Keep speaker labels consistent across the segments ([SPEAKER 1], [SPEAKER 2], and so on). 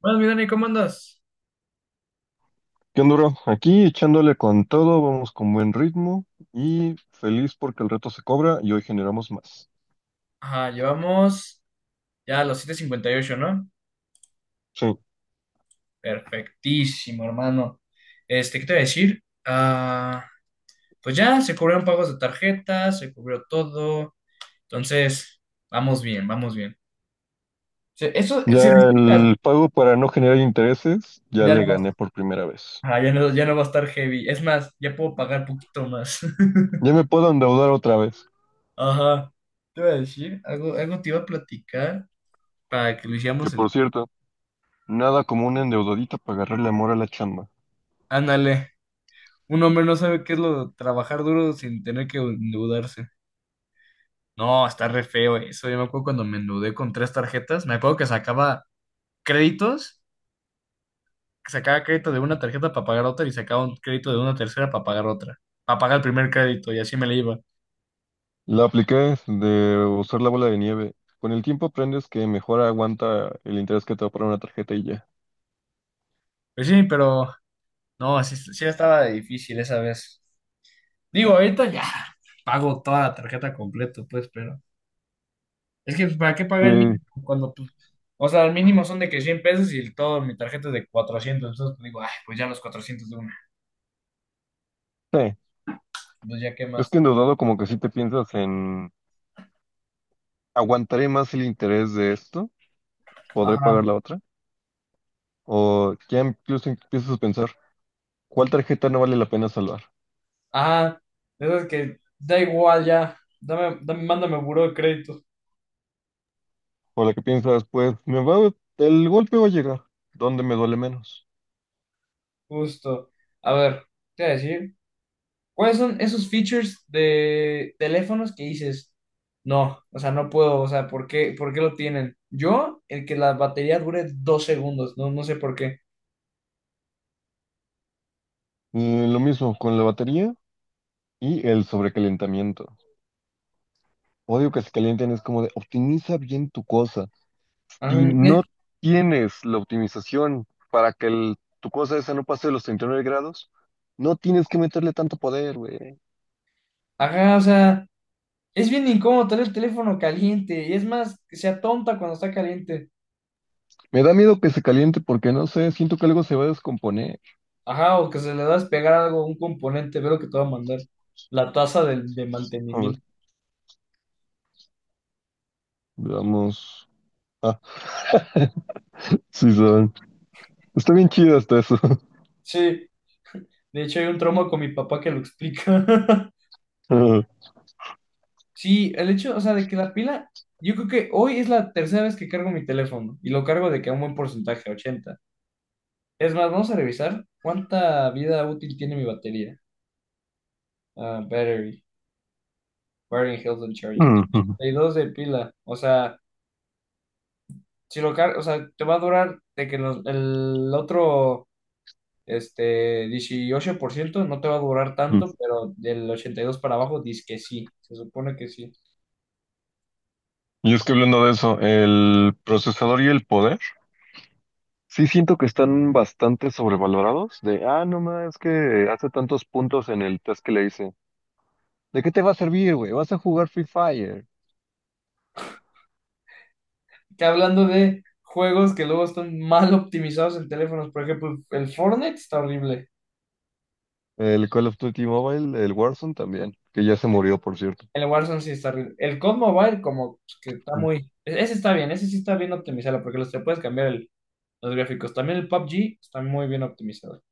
[SPEAKER 1] Bueno, mi Dani, ¿cómo andas?
[SPEAKER 2] ¿Qué onda, bro? Aquí echándole con todo, vamos con buen ritmo y feliz porque el reto se cobra y hoy generamos más.
[SPEAKER 1] Ajá, llevamos ya a los 758, ¿no?
[SPEAKER 2] Sí,
[SPEAKER 1] Perfectísimo, hermano. Este, ¿qué te voy a decir? Ah, pues ya se cubrieron pagos de tarjeta, se cubrió todo. Entonces, vamos bien, vamos bien. Eso se
[SPEAKER 2] ya
[SPEAKER 1] respeta.
[SPEAKER 2] el pago para no generar intereses ya
[SPEAKER 1] Ya
[SPEAKER 2] le gané
[SPEAKER 1] no,
[SPEAKER 2] por primera vez.
[SPEAKER 1] ajá, ya no, ya no va a estar heavy. Es más, ya puedo pagar poquito más.
[SPEAKER 2] Ya me puedo endeudar otra vez.
[SPEAKER 1] Ajá. ¿Qué te iba a decir? Algo, te iba a platicar para que lo
[SPEAKER 2] Que
[SPEAKER 1] hiciéramos el...
[SPEAKER 2] por cierto, nada como una endeudadita para agarrarle amor a la chamba.
[SPEAKER 1] Ándale. Un hombre no sabe qué es lo de trabajar duro sin tener que endeudarse. No, está re feo eso. Yo me acuerdo cuando me endeudé con tres tarjetas. Me acuerdo que sacaba créditos, que sacaba crédito de una tarjeta para pagar otra y sacaba un crédito de una tercera para pagar otra, para pagar el primer crédito y así me le iba.
[SPEAKER 2] La apliqué de usar la bola de nieve. Con el tiempo aprendes que mejor aguanta el interés que te va a poner una tarjeta y ya.
[SPEAKER 1] Pues sí, pero no, sí estaba difícil esa vez. Digo, ahorita ya pago toda la tarjeta completa, pues, pero... Es que, pues, ¿para qué pagar
[SPEAKER 2] Sí,
[SPEAKER 1] el mínimo? Cuando, pues, o sea, el mínimo son de que 100 pesos y el todo, mi tarjeta es de 400. Entonces, pues, digo, ay, pues ya los 400 de una.
[SPEAKER 2] sí.
[SPEAKER 1] Pues ya, ¿qué
[SPEAKER 2] Es
[SPEAKER 1] más?
[SPEAKER 2] que endeudado como que sí te piensas en ¿aguantaré más el interés de esto podré
[SPEAKER 1] Ajá,
[SPEAKER 2] pagar la otra? ¿O ya incluso empiezas a pensar cuál tarjeta no vale la pena salvar?
[SPEAKER 1] ajá. Eso es que da igual ya. Dame, dame, mándame buró de crédito.
[SPEAKER 2] O la que piensas, pues me va, el golpe va a llegar, ¿dónde me duele menos?
[SPEAKER 1] Justo. A ver, ¿qué voy a decir? ¿Cuáles son esos features de teléfonos que dices? No, o sea, no puedo. O sea, ¿por qué lo tienen? Yo, el que la batería dure 2 segundos, no, sé por qué.
[SPEAKER 2] Y lo mismo con la batería y el sobrecalentamiento. Odio que se calienten, es como de optimiza bien tu cosa.
[SPEAKER 1] Ajá,
[SPEAKER 2] Si no tienes la optimización para que el- tu cosa esa no pase de los 39 grados, no tienes que meterle tanto poder, güey.
[SPEAKER 1] ajá, o sea. Es bien incómodo tener el teléfono caliente, y es más, que sea tonta cuando está caliente.
[SPEAKER 2] Me da miedo que se caliente porque no sé, siento que algo se va a descomponer.
[SPEAKER 1] Ajá, o que se le da a despegar algo, un componente, veo que te va a mandar. La tasa de
[SPEAKER 2] A ver,
[SPEAKER 1] mantenimiento.
[SPEAKER 2] veamos. Ah, sí, saben. Está bien chido hasta eso.
[SPEAKER 1] Sí, de hecho hay un trauma con mi papá que lo explica. Sí, el hecho, o sea, de que la pila, yo creo que hoy es la tercera vez que cargo mi teléfono, y lo cargo de que a un buen porcentaje, 80. Es más, vamos a revisar cuánta vida útil tiene mi batería. Ah, battery health and charging. 82 de pila, o sea... Si lo car- O sea, te va a durar de que el otro este, 18%, no te va a durar tanto, pero del 82 para abajo dice que sí, se supone que sí.
[SPEAKER 2] Y es que hablando de eso, el procesador y el poder, sí siento que están bastante sobrevalorados. De, no más, es que hace tantos puntos en el test que le hice. ¿De qué te va a servir, güey? ¿Vas a jugar Free Fire?
[SPEAKER 1] Que hablando de juegos que luego están mal optimizados en teléfonos, por ejemplo, el Fortnite está horrible,
[SPEAKER 2] El Call of Duty Mobile, el Warzone también, que ya se murió, por cierto.
[SPEAKER 1] el Warzone sí está horrible, el COD Mobile como pues, que está muy... Ese está bien, ese sí está bien optimizado porque los te puedes cambiar los gráficos. También el PUBG está muy bien optimizado,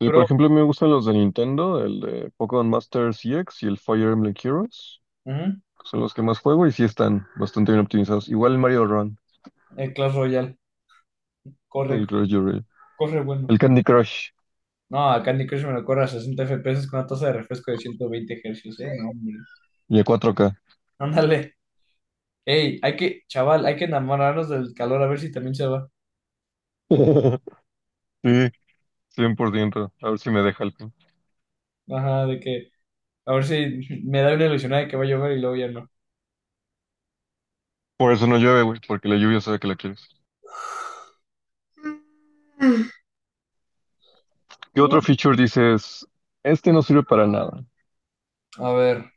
[SPEAKER 2] Sí, por
[SPEAKER 1] pero
[SPEAKER 2] ejemplo, me gustan los de Nintendo, el de Pokémon Master CX y el Fire Emblem Heroes,
[SPEAKER 1] ujú,
[SPEAKER 2] que son los que más juego y sí están bastante bien optimizados. Igual el Mario Run.
[SPEAKER 1] el Clash Royale
[SPEAKER 2] El
[SPEAKER 1] corre,
[SPEAKER 2] Crush Your-
[SPEAKER 1] corre bueno.
[SPEAKER 2] El Candy Crush.
[SPEAKER 1] No, a Candy Crush me lo corre a 60 FPS con una tasa de refresco de 120 Hz, ¿eh? No, hombre.
[SPEAKER 2] Y a 4K.
[SPEAKER 1] Ándale. Ey, hay que, chaval, hay que enamorarnos del calor a ver si también se va.
[SPEAKER 2] Sí, 100%. A ver si me deja el pin.
[SPEAKER 1] Ajá, de que, a ver si me da una ilusionada de que va a llover y luego ya no.
[SPEAKER 2] Por eso no llueve, güey, porque la lluvia sabe que la quieres. ¿Qué otro feature dices? Este no sirve para nada.
[SPEAKER 1] A ver,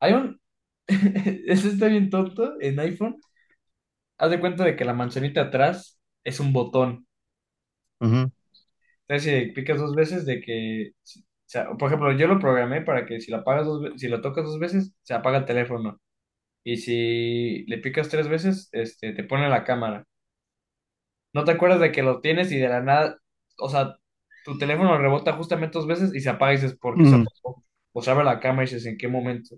[SPEAKER 1] hay un... Este está bien tonto en iPhone. Haz de cuenta de que la manzanita atrás es un botón.
[SPEAKER 2] Ujú.
[SPEAKER 1] Entonces, si picas dos veces, de que... O sea, por ejemplo, yo lo programé para que si la apagas dos ve- si lo tocas dos veces, se apaga el teléfono. Y si le picas tres veces, este, te pone la cámara. No te acuerdas de que lo tienes y de la nada, o sea, tu teléfono rebota justamente dos veces y se apaga y dices, ¿por qué se
[SPEAKER 2] Ujú.
[SPEAKER 1] apagó? O se abre la cámara y dices, ¿en qué momento?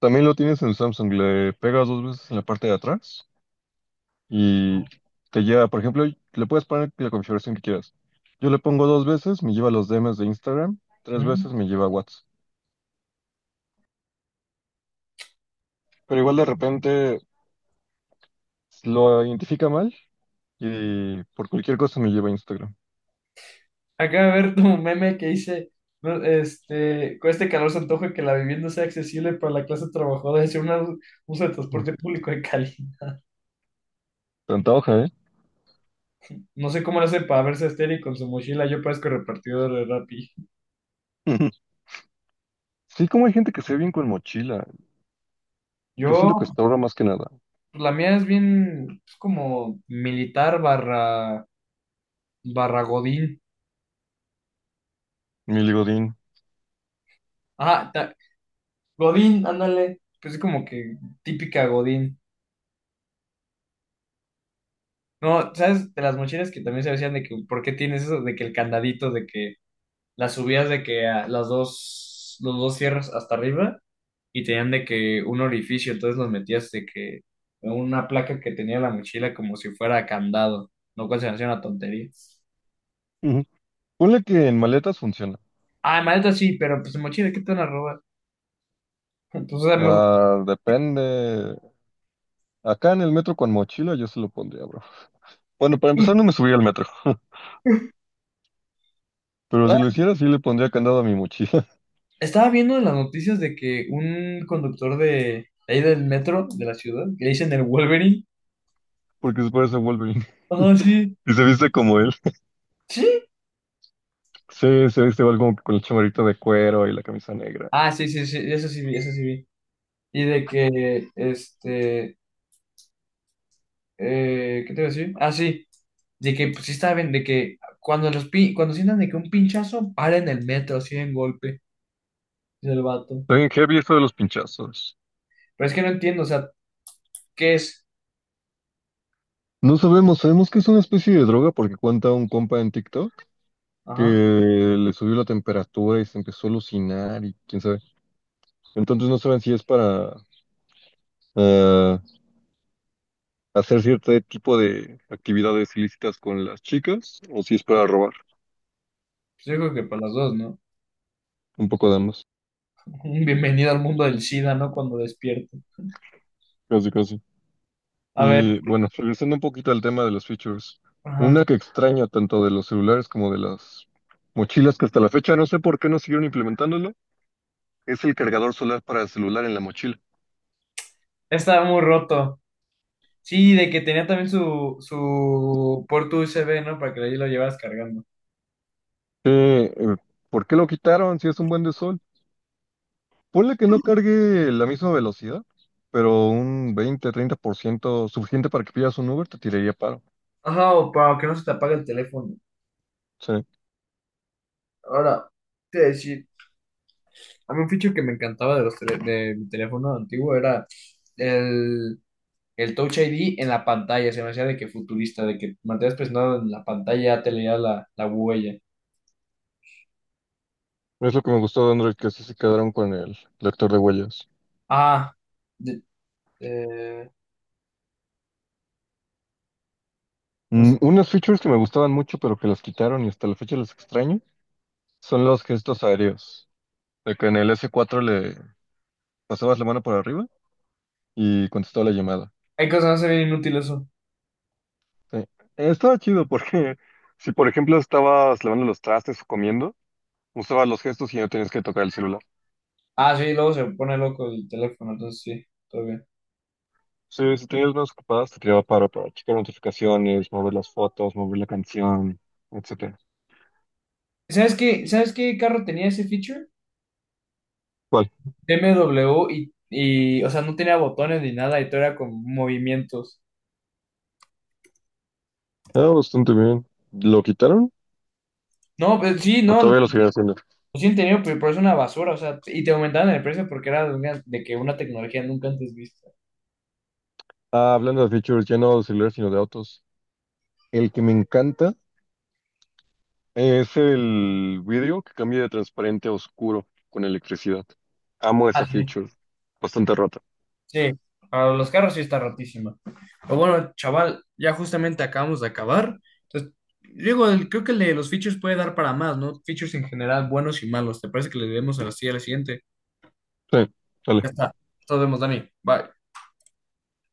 [SPEAKER 2] También lo tienes en Samsung. Le pegas dos veces en la parte de atrás y te lleva, por ejemplo, le puedes poner la configuración que quieras. Yo le pongo dos veces, me lleva a los DMs de Instagram, tres
[SPEAKER 1] Mm.
[SPEAKER 2] veces me lleva a WhatsApp. Pero igual de repente lo identifica mal y por cualquier cosa me lleva a Instagram.
[SPEAKER 1] Acaba de ver tu meme que dice, no, este, con este calor se antoja que la vivienda sea accesible para la clase trabajadora, es una uso de
[SPEAKER 2] Mm.
[SPEAKER 1] transporte público en Cali.
[SPEAKER 2] Te antoja, ¿eh?
[SPEAKER 1] No sé cómo lo hace para verse estéril con su mochila, yo parezco repartidor de Rappi.
[SPEAKER 2] Sí, como hay gente que se ve bien con mochila. Yo siento que
[SPEAKER 1] Yo
[SPEAKER 2] hasta ahora más que nada.
[SPEAKER 1] Pues la mía es bien, es como militar barra, barra Godín.
[SPEAKER 2] Mi ligodín.
[SPEAKER 1] Ah, Godín, ándale. Pues es como que típica Godín. No, ¿sabes? De las mochilas que también se decían de que, ¿por qué tienes eso? De que el candadito, de que las subías de que a las dos, los dos cierras hasta arriba y tenían de que un orificio, entonces los metías de que una placa que tenía la mochila como si fuera candado, lo cual se me hacía una tontería.
[SPEAKER 2] Ujú. Ponle que en maletas funciona.
[SPEAKER 1] Ah, maleta sí, pero pues mochila, ¿qué te van a robar? Entonces,
[SPEAKER 2] Ah, depende. Acá en el metro con mochila yo se lo pondría, bro. Bueno, para empezar no me subiría al metro. Pero
[SPEAKER 1] ah,
[SPEAKER 2] si lo hiciera, sí le pondría candado a mi mochila.
[SPEAKER 1] estaba viendo en las noticias de que un conductor de ahí del metro de la ciudad, que le dicen el Wolverine.
[SPEAKER 2] Porque se parece a Wolverine.
[SPEAKER 1] Ah, sí.
[SPEAKER 2] Y se viste como él.
[SPEAKER 1] ¿Sí?
[SPEAKER 2] Sí, se viste igual como que con el chamarrito de cuero y la camisa negra.
[SPEAKER 1] Ah, sí, sí, sí, eso sí vi, eso sí vi. Y de que, este, ¿qué te iba a decir? Ah, sí, de que, pues sí estaba bien, de que cuando cuando sientan de que un pinchazo, paren el metro, así en golpe, dice el vato.
[SPEAKER 2] Está bien heavy esto de los pinchazos.
[SPEAKER 1] Pero es que no entiendo, o sea, ¿qué es?
[SPEAKER 2] No sabemos, sabemos que es una especie de droga porque cuenta un compa en TikTok. Que
[SPEAKER 1] Ajá.
[SPEAKER 2] le subió la temperatura y se empezó a alucinar y quién sabe. Entonces no saben si es para ah, hacer cierto tipo de actividades ilícitas con las chicas o si es para robar.
[SPEAKER 1] Pues yo creo que para las dos, ¿no?
[SPEAKER 2] Un poco de ambas,
[SPEAKER 1] Un bienvenido al mundo del SIDA, ¿no? Cuando despierto.
[SPEAKER 2] casi casi.
[SPEAKER 1] A ver,
[SPEAKER 2] Y bueno, regresando un poquito al tema de los features,
[SPEAKER 1] ajá.
[SPEAKER 2] una que extraño tanto de los celulares como de las mochilas que hasta la fecha no sé por qué no siguieron implementándolo, es el cargador solar para el celular en la mochila.
[SPEAKER 1] Estaba muy roto. Sí, de que tenía también su puerto USB, ¿no? Para que ahí lo llevas cargando.
[SPEAKER 2] Eh, eh, ¿por qué lo quitaron si es un buen de sol? Ponle que no cargue la misma velocidad, pero un 20, 30% suficiente para que pidas un Uber te tiraría paro.
[SPEAKER 1] Ajá, o para que no se te apague el teléfono.
[SPEAKER 2] Sí,
[SPEAKER 1] Ahora, te voy a decir, a mí un feature que me encantaba de mi teléfono antiguo era el, el Touch ID en la pantalla. Se me hacía de que futurista, de que mantenías presionado en la pantalla, te leía la huella.
[SPEAKER 2] es lo que me gustó de Android, que así se quedaron con el lector de huellas.
[SPEAKER 1] Ah, De- eh, no sé.
[SPEAKER 2] Unas features que me gustaban mucho, pero que las quitaron y hasta la fecha las extraño, son los gestos aéreos. De que en el S4 le pasabas la mano por arriba y contestaba la llamada.
[SPEAKER 1] Hay cosas que no se ven, inútil eso.
[SPEAKER 2] Sí. Estaba chido porque si, por ejemplo, estabas lavando los trastes o comiendo, usabas los gestos y no tenías que tocar el celular.
[SPEAKER 1] Ah, sí, luego se pone loco el teléfono, entonces sí, todo bien.
[SPEAKER 2] Sí, si tenías manos ocupadas, te tiraba paro para checar notificaciones, mover las fotos, mover la canción, etcétera.
[SPEAKER 1] ¿Sabes qué? ¿Sabes qué carro tenía ese feature?
[SPEAKER 2] ¿Cuál?
[SPEAKER 1] BMW y, o sea, no tenía botones ni nada y todo era con movimientos.
[SPEAKER 2] Ah, bastante bien. ¿Lo quitaron?
[SPEAKER 1] No, pues sí,
[SPEAKER 2] ¿O
[SPEAKER 1] no, lo
[SPEAKER 2] todavía lo siguen haciendo?
[SPEAKER 1] sí tenido, pero es una basura, o sea, y te aumentaban el precio porque era de, de que una tecnología nunca antes vista.
[SPEAKER 2] Ah, hablando de features, ya no de celulares, sino de autos. El que me encanta es el vidrio que cambia de transparente a oscuro con electricidad. Amo esa
[SPEAKER 1] Ah, sí.
[SPEAKER 2] feature. Bastante rota.
[SPEAKER 1] Sí, para los carros sí está rotísima. Pero bueno, chaval, ya justamente acabamos de acabar. Entonces, digo, creo que el de los features puede dar para más, ¿no? Features en general, buenos y malos. ¿Te parece que le debemos así a la siguiente?
[SPEAKER 2] Sí, dale.
[SPEAKER 1] Ya está. Nos vemos, Dani. Bye.